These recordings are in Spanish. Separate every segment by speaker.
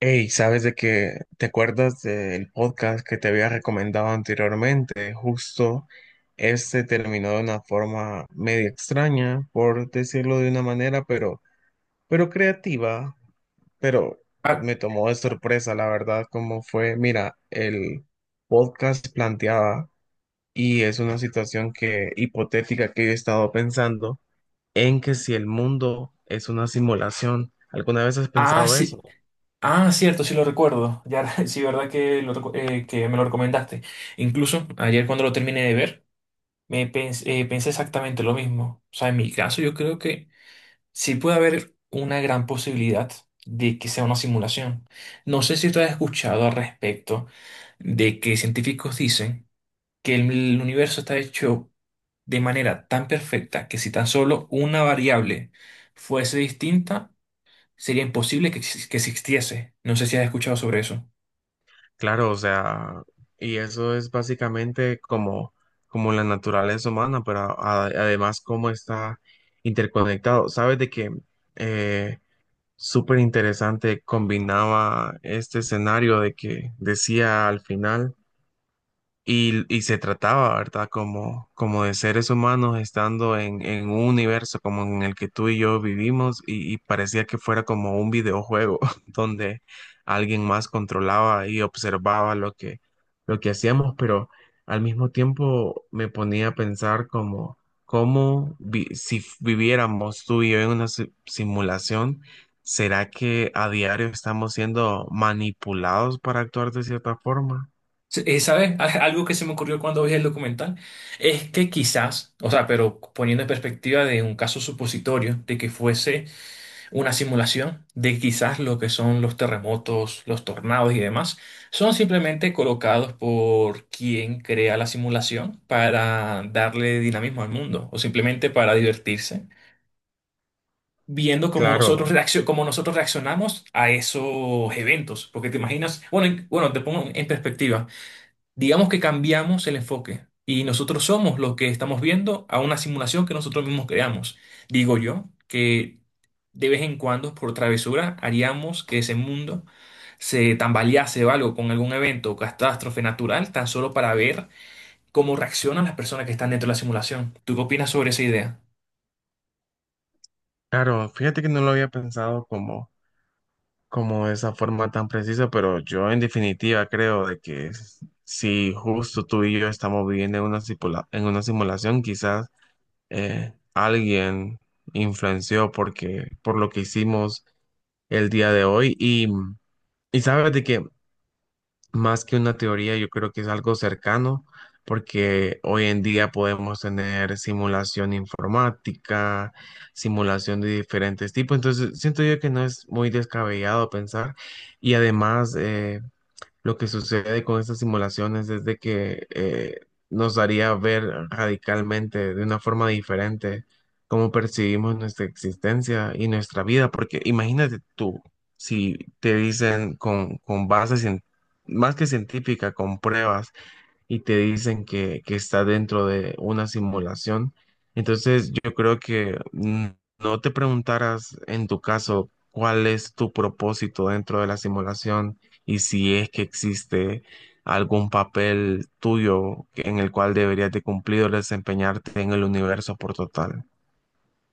Speaker 1: Hey, ¿sabes de qué? ¿Te acuerdas del podcast que te había recomendado anteriormente? Justo este terminó de una forma medio extraña, por decirlo de una manera, pero creativa, pero
Speaker 2: Ah,
Speaker 1: me tomó de sorpresa, la verdad, cómo fue. Mira, el podcast planteaba, y es una situación que hipotética que yo he estado pensando, en que si el mundo es una simulación, ¿alguna vez has pensado eso?
Speaker 2: sí. Ah, cierto, sí lo recuerdo. Ya, sí, verdad que, que me lo recomendaste. Incluso ayer cuando lo terminé de ver, pensé exactamente lo mismo. O sea, en mi caso yo creo que sí puede haber una gran posibilidad de que sea una simulación. No sé si tú has escuchado al respecto de que científicos dicen que el universo está hecho de manera tan perfecta que si tan solo una variable fuese distinta, sería imposible que, que existiese. No sé si has escuchado sobre eso.
Speaker 1: Claro, o sea, y eso es básicamente como, como la naturaleza humana, pero además cómo está interconectado. Sabes de que eh, súper interesante combinaba este escenario de que decía al final. Y se trataba, ¿verdad? Como, como de seres humanos estando en un universo como en el que tú y yo vivimos y parecía que fuera como un videojuego donde alguien más controlaba y observaba lo que hacíamos, pero al mismo tiempo me ponía a pensar como, cómo vi- si f- viviéramos tú y yo en una simulación, ¿será que a diario estamos siendo manipulados para actuar de cierta forma?
Speaker 2: ¿Sabes? Algo que se me ocurrió cuando vi el documental es que quizás, o sea, pero poniendo en perspectiva de un caso supositorio, de que fuese una simulación, de quizás lo que son los terremotos, los tornados y demás, son simplemente colocados por quien crea la simulación para darle dinamismo al mundo o simplemente para divertirse viendo
Speaker 1: Claro,
Speaker 2: cómo nosotros reaccionamos a esos eventos. Porque te imaginas, bueno, bueno, te pongo en perspectiva. Digamos que cambiamos el enfoque y nosotros somos los que estamos viendo a una simulación que nosotros mismos creamos. Digo yo que de vez en cuando, por travesura, haríamos que ese mundo se tambalease o algo con algún evento o catástrofe natural, tan solo para ver cómo reaccionan las personas que están dentro de la simulación. ¿Tú qué opinas sobre esa idea?
Speaker 1: Claro, fíjate que no lo había pensado como, como de esa forma tan precisa, pero yo en definitiva creo de que si justo tú y yo estamos viviendo en una en una simulación, quizás alguien influenció porque, por lo que hicimos el día de hoy. Y sabes de que más que una teoría, yo creo que es algo cercano, porque hoy en día podemos tener simulación informática, simulación de diferentes tipos, entonces siento yo que no es muy descabellado pensar y además lo que sucede con estas simulaciones es de que nos daría ver radicalmente, de una forma diferente, cómo percibimos nuestra existencia y nuestra vida. Porque imagínate tú, si te dicen con bases, más que científica, con pruebas, y te dicen que está dentro de una simulación. Entonces, yo creo que no te preguntaras en tu caso cuál es tu propósito dentro de la simulación y si es que existe algún papel tuyo en el cual deberías de cumplir o desempeñarte en el universo por total.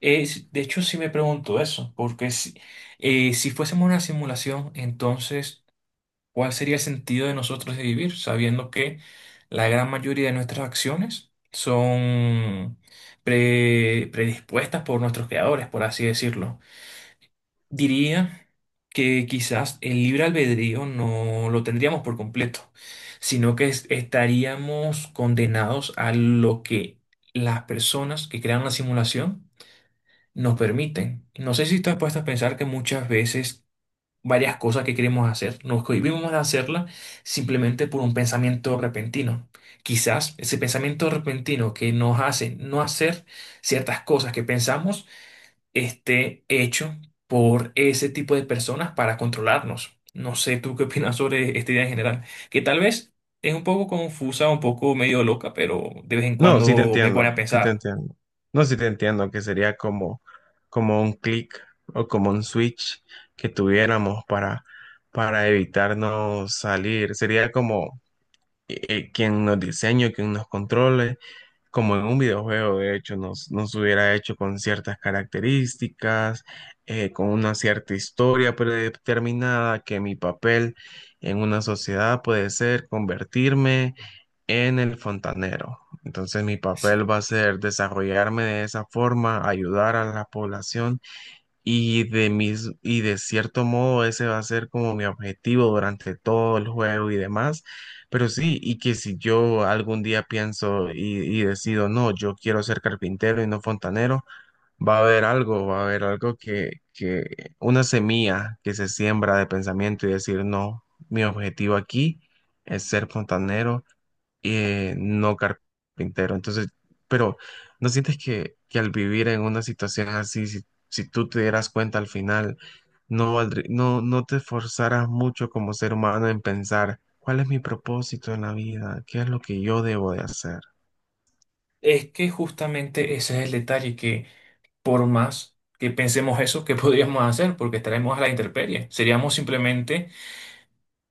Speaker 2: De hecho, sí me pregunto eso, porque si, si fuésemos una simulación, entonces, ¿cuál sería el sentido de nosotros de vivir, sabiendo que la gran mayoría de nuestras acciones son predispuestas por nuestros creadores, por así decirlo? Diría que quizás el libre albedrío no lo tendríamos por completo, sino que estaríamos condenados a lo que las personas que crean la simulación nos permiten. No sé si estás has a pensar que muchas veces varias cosas que queremos hacer, nos cohibimos de hacerlas simplemente por un pensamiento repentino. Quizás ese pensamiento repentino que nos hace no hacer ciertas cosas que pensamos esté hecho por ese tipo de personas para controlarnos. No sé tú qué opinas sobre esta idea en general, que tal vez es un poco confusa, un poco medio loca, pero de vez en
Speaker 1: No,
Speaker 2: cuando me pone a pensar.
Speaker 1: sí te entiendo que sería como, como un clic o como un switch que tuviéramos para evitarnos salir. Sería como quien nos diseñe, quien nos controle, como en un videojuego, de hecho, nos hubiera hecho con ciertas características, con una cierta historia predeterminada, que mi papel en una sociedad puede ser convertirme en el fontanero. Entonces mi papel va a ser desarrollarme de esa forma, ayudar a la población y y de cierto modo ese va a ser como mi objetivo durante todo el juego y demás. Pero sí, y que si yo algún día y decido, no, yo quiero ser carpintero y no fontanero, va a haber algo que una semilla que se siembra de pensamiento y decir, no, mi objetivo aquí es ser fontanero no carpintero. Entonces, pero ¿no sientes que al vivir en una situación así, si tú te dieras cuenta al final, no, no te esforzaras mucho como ser humano en pensar cuál es mi propósito en la vida, qué es lo que yo debo de hacer?
Speaker 2: Es que justamente ese es el detalle, que por más que pensemos eso, ¿qué podríamos hacer? Porque estaremos a la intemperie. Seríamos simplemente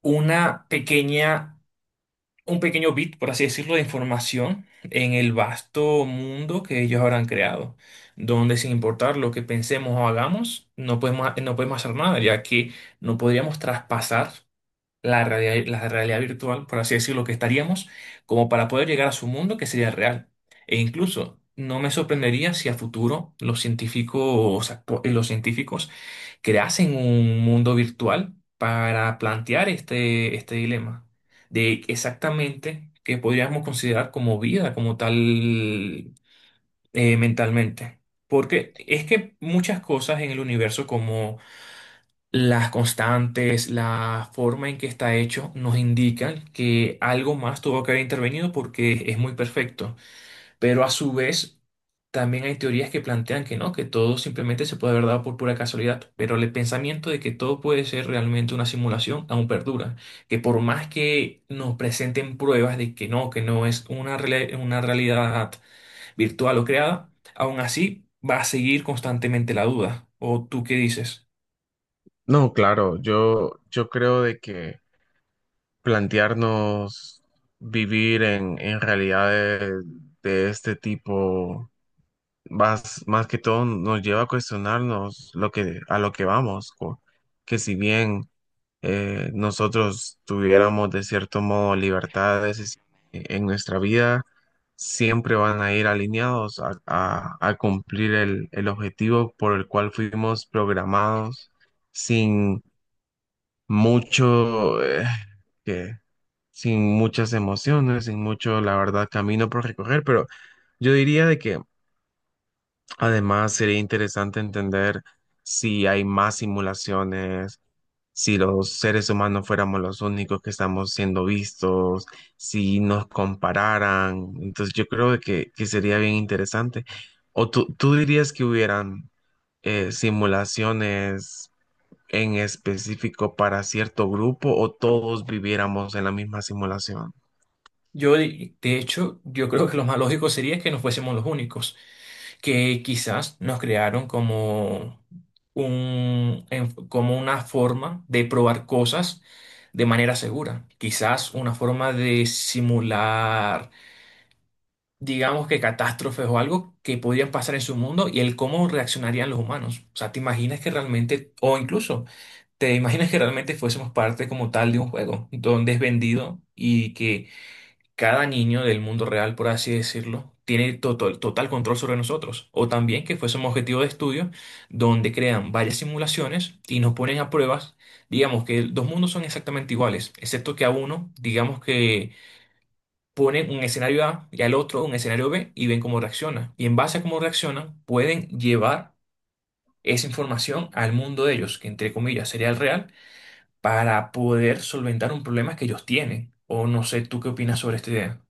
Speaker 2: una pequeña, un pequeño bit, por así decirlo, de información en el vasto mundo que ellos habrán creado, donde sin importar lo que pensemos o hagamos, no podemos hacer nada, ya que no podríamos traspasar la realidad virtual, por así decirlo, que estaríamos, como para poder llegar a su mundo que sería real. E incluso no me sorprendería si a futuro los científicos, los científicos creasen un mundo virtual para plantear este dilema de exactamente qué podríamos considerar como vida, como tal, mentalmente. Porque es que muchas cosas en el universo, las constantes, la forma en que está hecho, nos indican que algo más tuvo que haber intervenido porque es muy perfecto. Pero a su vez, también hay teorías que plantean que no, que todo simplemente se puede haber dado por pura casualidad. Pero el pensamiento de que todo puede ser realmente una simulación aún perdura. Que por más que nos presenten pruebas de que no es una, una realidad virtual o creada, aún así va a seguir constantemente la duda. ¿O tú qué dices?
Speaker 1: No, claro, yo creo de que plantearnos vivir en realidades de este tipo más que todo nos lleva a cuestionarnos a lo que vamos, que si bien nosotros tuviéramos de cierto modo libertades en nuestra vida, siempre van a ir alineados a, a cumplir el objetivo por el cual fuimos programados sin mucho, que, sin muchas emociones, sin mucho, la verdad, camino por recorrer, pero yo diría de que además, sería interesante entender si hay más simulaciones, si los seres humanos fuéramos los únicos que estamos siendo vistos, si nos compararan. Entonces, yo creo que sería bien interesante. ¿O tú dirías que hubieran simulaciones en específico para cierto grupo o todos viviéramos en la misma simulación?
Speaker 2: Yo, de hecho, yo creo que lo más lógico sería que no fuésemos los únicos, que quizás nos crearon como como una forma de probar cosas de manera segura. Quizás una forma de simular, digamos que catástrofes o algo que podrían pasar en su mundo y el cómo reaccionarían los humanos. O sea, te imaginas que realmente, o incluso, te imaginas que realmente fuésemos parte como tal de un juego donde es vendido y que cada niño del mundo real, por así decirlo, tiene total, total control sobre nosotros. O también que fuese un objetivo de estudio donde crean varias simulaciones y nos ponen a pruebas. Digamos que dos mundos son exactamente iguales, excepto que a uno, digamos que ponen un escenario A y al otro un escenario B y ven cómo reacciona. Y en base a cómo reaccionan, pueden llevar esa información al mundo de ellos, que entre comillas sería el real, para poder solventar un problema que ellos tienen. O no sé, ¿tú qué opinas sobre esta idea?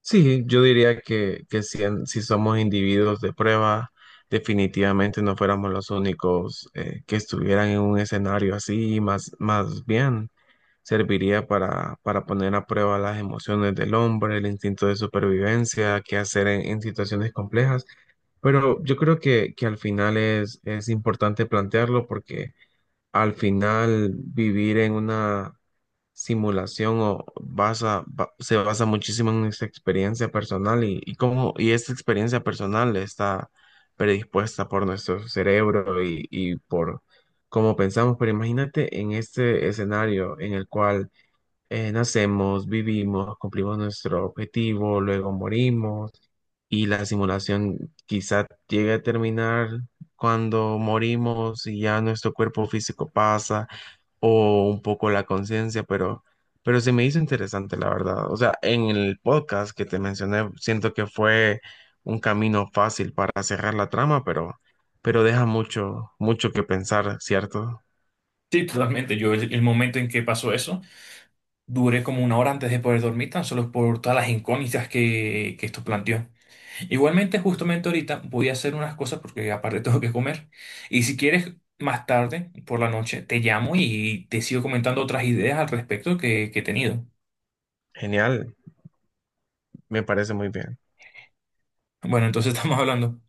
Speaker 1: Sí, yo diría que si, si somos individuos de prueba, definitivamente no fuéramos los únicos que estuvieran en un escenario así, más bien serviría para poner a prueba las emociones del hombre, el instinto de supervivencia, qué hacer en situaciones complejas. Pero yo creo que al final es importante plantearlo porque al final vivir en una simulación o se basa muchísimo en esa experiencia personal y cómo y esta experiencia personal está predispuesta por nuestro cerebro y por cómo pensamos. Pero imagínate en este escenario en el cual nacemos, vivimos, cumplimos nuestro objetivo, luego morimos y la simulación quizá llegue a terminar cuando morimos y ya nuestro cuerpo físico pasa o un poco la conciencia, pero se me hizo interesante, la verdad. O sea, en el podcast que te mencioné, siento que fue un camino fácil para cerrar la trama, pero deja mucho, mucho que pensar, ¿cierto?
Speaker 2: Sí, totalmente. Yo el momento en que pasó eso, duré como una hora antes de poder dormir, tan solo por todas las incógnitas que esto planteó. Igualmente, justamente ahorita voy a hacer unas cosas porque aparte tengo que comer. Y si quieres, más tarde, por la noche, te llamo y te sigo comentando otras ideas al respecto que he tenido.
Speaker 1: Genial, me parece muy bien.
Speaker 2: Bueno, entonces estamos hablando.